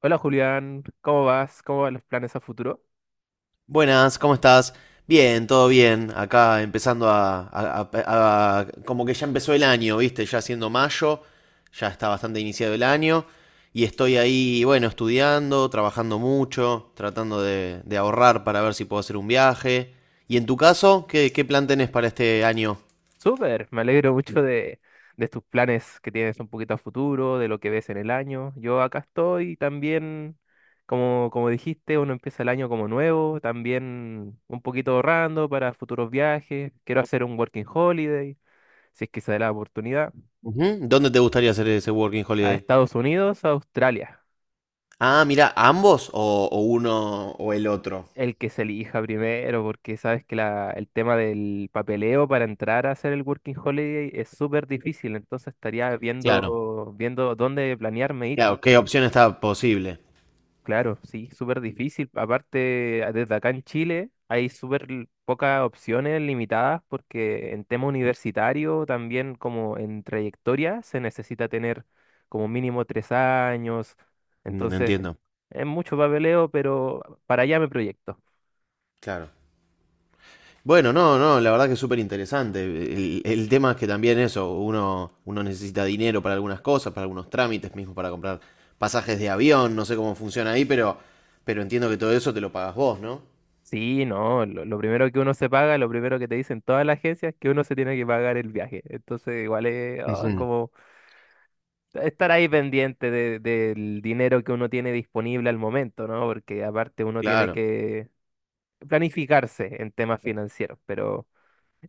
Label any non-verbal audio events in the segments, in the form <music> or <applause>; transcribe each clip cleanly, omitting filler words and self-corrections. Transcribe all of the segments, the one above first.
Hola Julián, ¿cómo vas? ¿Cómo van los planes a futuro? Buenas, ¿cómo estás? Bien, todo bien. Acá empezando como que ya empezó el año, ¿viste? Ya siendo mayo, ya está bastante iniciado el año. Y estoy ahí, bueno, estudiando, trabajando mucho, tratando de ahorrar para ver si puedo hacer un viaje. ¿Y en tu caso, qué plan tenés para este año? Súper, me alegro mucho de tus planes que tienes un poquito a futuro, de lo que ves en el año. Yo acá estoy también, como dijiste, uno empieza el año como nuevo, también un poquito ahorrando para futuros viajes. Quiero hacer un working holiday, si es que se da la oportunidad, Ujú, ¿dónde te gustaría hacer ese working a holiday? Estados Unidos, a Australia. Ah, mira, ¿ambos o uno o el otro? El que se elija primero, porque sabes que el tema del papeleo para entrar a hacer el working holiday es súper difícil, entonces estaría Claro. Viendo dónde planearme ir. Claro, ¿qué opción está posible? Claro, sí, súper difícil. Aparte, desde acá en Chile hay súper pocas opciones limitadas porque en tema universitario, también como en trayectoria, se necesita tener como mínimo tres años. Mm, Entonces, entiendo. es mucho papeleo, pero para allá me proyecto. Claro. Bueno, no, no, la verdad que es súper interesante. El tema es que también eso, uno necesita dinero para algunas cosas, para algunos trámites, mismo para comprar pasajes de avión, no sé cómo funciona ahí, pero entiendo que todo eso te lo pagas vos, ¿no? Sí, no, lo primero que uno se paga, lo primero que te dicen todas las agencias es que uno se tiene que pagar el viaje. Entonces, igual es Ujú. como estar ahí pendiente del dinero que uno tiene disponible al momento, ¿no? Porque aparte uno tiene Claro. que planificarse en temas financieros, pero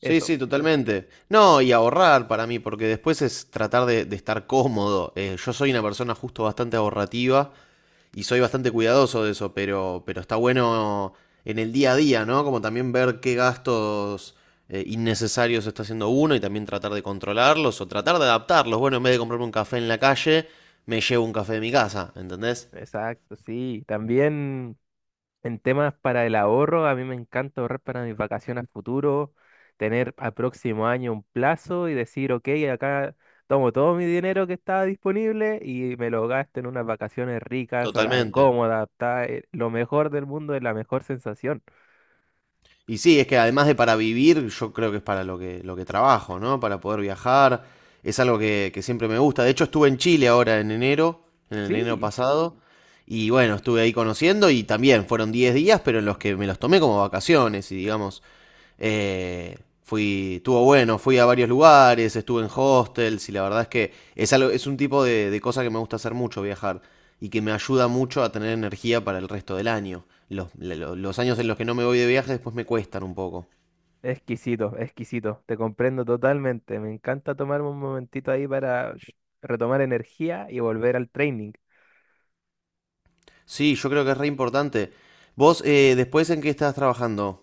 Sí, eso, sí, totalmente. No, y ahorrar para mí, porque después es tratar de estar cómodo. Yo soy una persona justo bastante ahorrativa y soy bastante cuidadoso de eso, pero está bueno en el día a día, ¿no? Como también ver qué gastos innecesarios está haciendo uno y también tratar de controlarlos o tratar de adaptarlos. Bueno, en vez de comprarme un café en la calle, me llevo un café de mi casa, ¿entendés? exacto, sí. También en temas para el ahorro, a mí me encanta ahorrar para mis vacaciones a futuro, tener al próximo año un plazo y decir, ok, acá tomo todo mi dinero que estaba disponible y me lo gasto en unas vacaciones ricas, Totalmente. cómodas, lo mejor del mundo es la mejor sensación. Y sí, es que además de para vivir, yo creo que es para lo que trabajo, ¿no? Para poder viajar. Es algo que siempre me gusta. De hecho, estuve en Chile ahora en enero, en el enero Sí. pasado. Y bueno, estuve ahí conociendo y también fueron 10 días, pero en los que me los tomé como vacaciones y digamos, fui, estuvo bueno, fui a varios lugares, estuve en hostels y la verdad es que es, algo, es un tipo de cosa que me gusta hacer mucho, viajar, y que me ayuda mucho a tener energía para el resto del año. Los años en los que no me voy de viaje después me cuestan un poco. Exquisito, exquisito. Te comprendo totalmente. Me encanta tomarme un momentito ahí para retomar energía y volver al training. Sí, yo creo que es re importante. Vos, después, ¿en qué estás trabajando?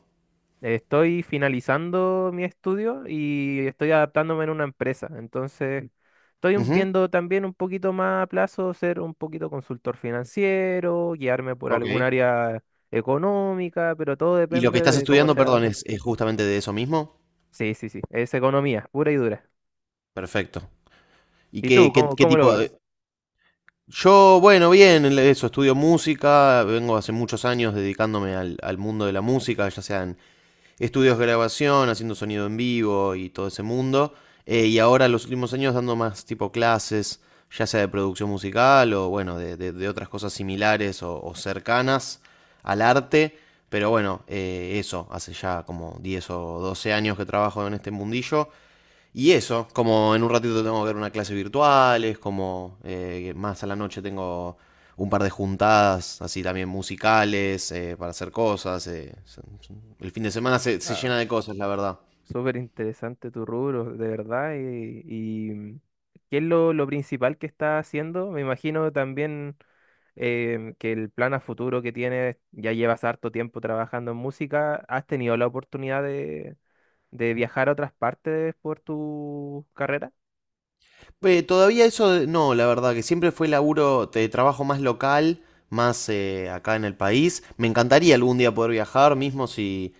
Estoy finalizando mi estudio y estoy adaptándome en una empresa. Entonces, estoy Ujú. viendo también un poquito más a plazo ser un poquito consultor financiero, guiarme por Ok. algún área económica, pero todo ¿Y lo que depende estás de cómo estudiando, sea. perdón, es justamente de eso mismo? Sí, sí, sí. Es economía, pura y dura. Perfecto. ¿Y ¿Y tú, qué, qué, cómo, qué cómo lo tipo de... vas? Yo, bueno, bien, eso, estudio música, vengo hace muchos años dedicándome al mundo de la música, ya sean estudios de grabación, haciendo sonido en vivo y todo ese mundo, y ahora los últimos años dando más tipo clases, ya sea de producción musical o bueno, de otras cosas similares o cercanas al arte, pero bueno, eso, hace ya como 10 o 12 años que trabajo en este mundillo y eso, como en un ratito tengo que ver una clase virtual, es como más a la noche tengo un par de juntadas, así también musicales, para hacer cosas. El fin de semana se llena de cosas, la verdad. Súper interesante tu rubro, de verdad. ¿Qué es lo principal que está haciendo? Me imagino también que el plan a futuro que tienes, ya llevas harto tiempo trabajando en música, ¿has tenido la oportunidad de viajar a otras partes por tu carrera? Todavía eso, no, la verdad, que siempre fue laburo de trabajo más local, más acá en el país. Me encantaría algún día poder viajar, mismo si,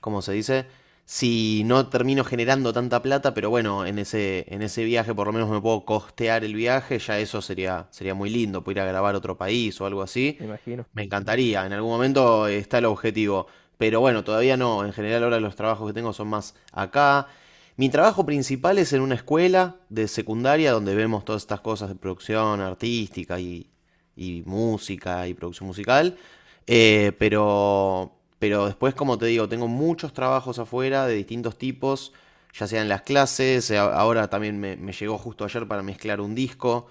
¿cómo se dice? Si no termino generando tanta plata, pero bueno, en ese viaje por lo menos me puedo costear el viaje, ya eso sería muy lindo, poder ir a grabar a otro país o algo así. Me imagino. Me encantaría, en algún momento está el objetivo, pero bueno, todavía no. En general ahora los trabajos que tengo son más acá. Mi trabajo principal es en una escuela de secundaria donde vemos todas estas cosas de producción artística y música y producción musical. Eh, pero, pero después, como te digo, tengo muchos trabajos afuera de distintos tipos, ya sean las clases, ahora también me llegó justo ayer para mezclar un disco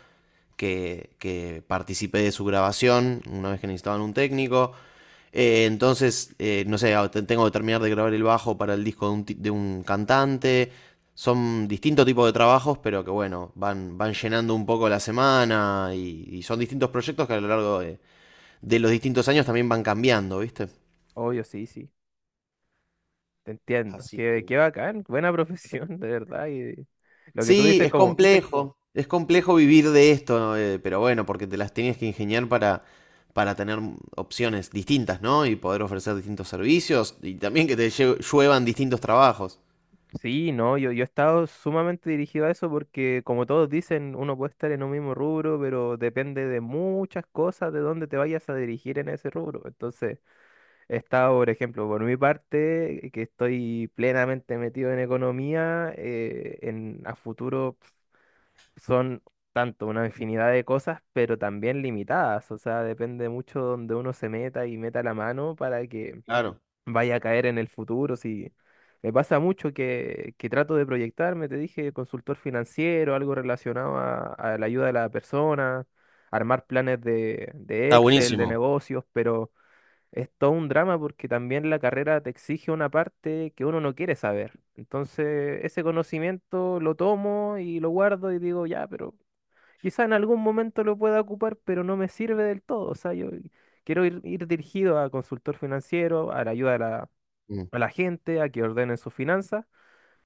que participé de su grabación una vez que necesitaban un técnico. Entonces, no sé, tengo que terminar de grabar el bajo para el disco de un cantante. Son distintos tipos de trabajos, pero que bueno, van llenando un poco la semana y son distintos proyectos que a lo largo de los distintos años también van cambiando, ¿viste? Obvio, sí, sí, te entiendo. Así Qué que... bacán, buena <laughs> profesión, de verdad. Y lo que tú Sí, dices, como es complejo vivir de esto, ¿no? Pero bueno, porque te las tenías que ingeniar para tener opciones distintas, ¿no? Y poder ofrecer distintos servicios y también que te lluevan distintos trabajos. sí, no, yo he estado sumamente dirigido a eso porque, como todos dicen, uno puede estar en un mismo rubro, pero depende de muchas cosas de dónde te vayas a dirigir en ese rubro. Entonces, he estado, por ejemplo, por mi parte, que estoy plenamente metido en economía, en a futuro son tanto una infinidad de cosas, pero también limitadas. O sea, depende mucho donde uno se meta y meta la mano para que Claro. vaya a caer en el futuro. Si me pasa mucho que trato de proyectarme, te dije, consultor financiero, algo relacionado a la ayuda de la persona, armar planes de Está Excel, de buenísimo. negocios, pero es todo un drama porque también la carrera te exige una parte que uno no quiere saber. Entonces, ese conocimiento lo tomo y lo guardo y digo, ya, pero quizá en algún momento lo pueda ocupar, pero no me sirve del todo. O sea, yo quiero ir dirigido a consultor financiero, a la ayuda de la a la gente a que ordenen sus finanzas,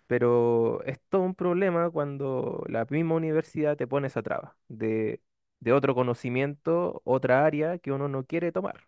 pero es todo un problema cuando la misma universidad te pone esa traba de otro conocimiento, otra área que uno no quiere tomar.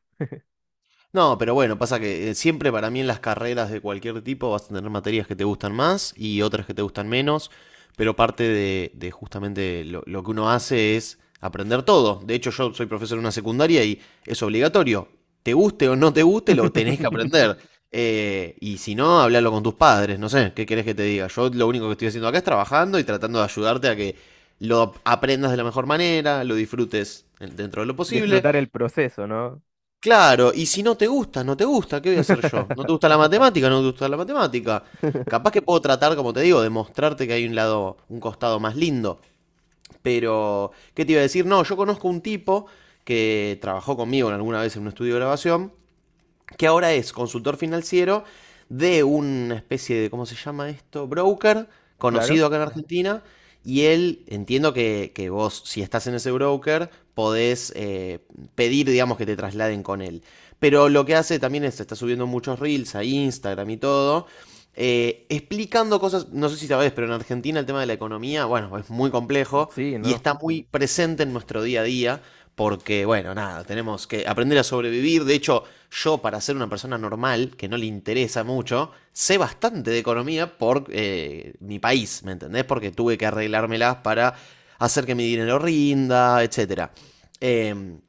No, pero bueno, pasa que siempre para mí en las carreras de cualquier tipo vas a tener materias que te gustan más y otras que te gustan menos, pero parte de justamente lo que uno hace es aprender todo. De hecho, yo soy profesor en una secundaria y es obligatorio. Te guste o no te guste, lo tenés que <laughs> aprender. Y si no, hablalo con tus padres, no sé, ¿qué querés que te diga? Yo lo único que estoy haciendo acá es trabajando y tratando de ayudarte a que lo aprendas de la mejor manera, lo disfrutes dentro de lo posible. Disfrutar el proceso, ¿no? Claro, y si no te gusta, no te gusta, ¿qué voy a hacer yo? ¿No te <laughs> gusta la matemática? ¿No te gusta la matemática? Capaz que puedo tratar, como te digo, de mostrarte que hay un lado, un costado más lindo. Pero, ¿qué te iba a decir? No, yo conozco un tipo que trabajó conmigo en alguna vez en un estudio de grabación que ahora es consultor financiero de una especie de, ¿cómo se llama esto? Broker, Claro, conocido acá en Argentina. Y él, entiendo que vos, si estás en ese broker, podés pedir, digamos, que te trasladen con él. Pero lo que hace también es, está subiendo muchos reels a Instagram y todo, explicando cosas, no sé si sabés, pero en Argentina el tema de la economía, bueno, es muy complejo sí, y no. está muy presente en nuestro día a día, porque, bueno, nada, tenemos que aprender a sobrevivir. De hecho, yo, para ser una persona normal, que no le interesa mucho, sé bastante de economía por mi país, ¿me entendés? Porque tuve que arreglármelas para hacer que mi dinero rinda, etcétera. Em,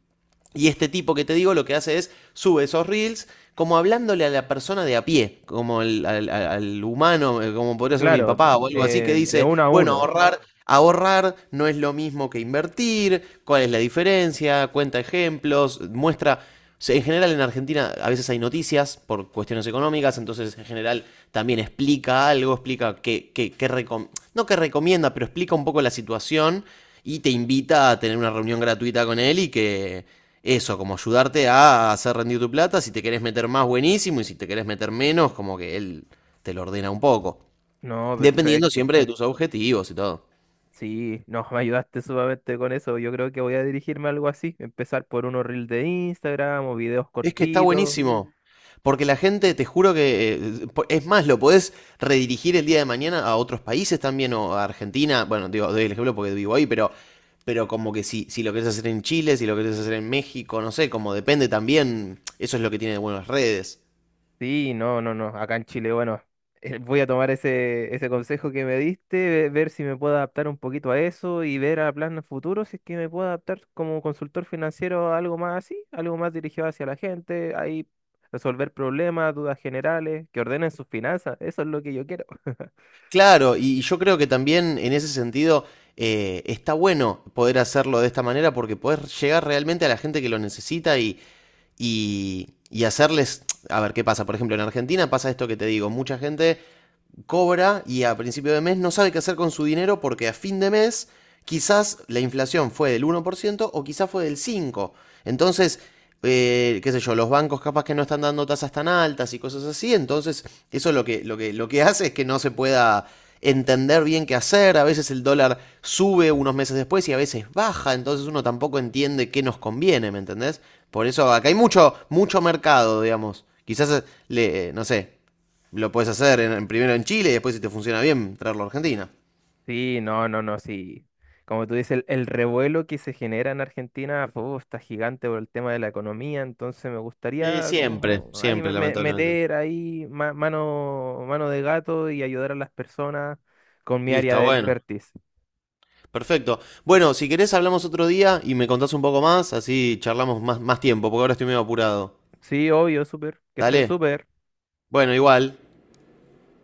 y este tipo que te digo lo que hace es sube esos reels como hablándole a la persona de a pie, como humano, como podría ser mi Claro, papá o algo así, que de dice, uno a bueno, uno. ahorrar, ahorrar no es lo mismo que invertir, cuál es la diferencia, cuenta ejemplos, muestra... O en general en Argentina a veces hay noticias por cuestiones económicas, entonces en general también explica algo, explica que recom no que recomienda, pero explica un poco la situación y te invita a tener una reunión gratuita con él y que eso, como ayudarte a hacer rendir tu plata, si te querés meter más buenísimo y si te querés meter menos, como que él te lo ordena un poco, No, dependiendo perfecto. siempre de tus objetivos y todo. Sí, no, me ayudaste sumamente con eso. Yo creo que voy a dirigirme a algo así. Empezar por unos reels de Instagram o videos Es que está cortitos. buenísimo. Porque la gente, te juro que, es más, lo podés redirigir el día de mañana a otros países también o a Argentina. Bueno, digo, doy el ejemplo porque vivo ahí, pero, como que si lo querés hacer en Chile, si lo querés hacer en México, no sé, como depende también, eso es lo que tiene de buenas redes. Sí, no, no, no. Acá en Chile, bueno, voy a tomar ese consejo que me diste, ver si me puedo adaptar un poquito a eso y ver a planes futuros si es que me puedo adaptar como consultor financiero a algo más así, algo más dirigido hacia la gente, ahí resolver problemas, dudas generales, que ordenen sus finanzas. Eso es lo que yo quiero. Claro, y yo creo que también en ese sentido está bueno poder hacerlo de esta manera porque podés llegar realmente a la gente que lo necesita y hacerles, a ver qué pasa. Por ejemplo, en Argentina pasa esto que te digo, mucha gente cobra y a principio de mes no sabe qué hacer con su dinero porque a fin de mes quizás la inflación fue del 1% o quizás fue del 5%. Entonces, qué sé yo, los bancos capaz que no están dando tasas tan altas y cosas así, entonces eso lo que hace es que no se pueda entender bien qué hacer, a veces el dólar sube unos meses después y a veces baja, entonces uno tampoco entiende qué nos conviene, ¿me entendés? Por eso acá hay mucho, mucho mercado, digamos. Quizás, le, no sé, lo puedes hacer en, primero en Chile y después, si te funciona bien, traerlo a Argentina. Sí, no, no, no, sí. Como tú dices, el revuelo que se genera en Argentina fu, está gigante por el tema de la economía, entonces me Sí, gustaría siempre, como ahí siempre, lamentablemente. meter ahí mano, mano de gato y ayudar a las personas con mi Y área está de bueno. expertise. Perfecto. Bueno, si querés hablamos otro día y me contás un poco más, así charlamos más, más tiempo, porque ahora estoy medio apurado. Sí, obvio, súper, que estés Dale. súper. Bueno, igual.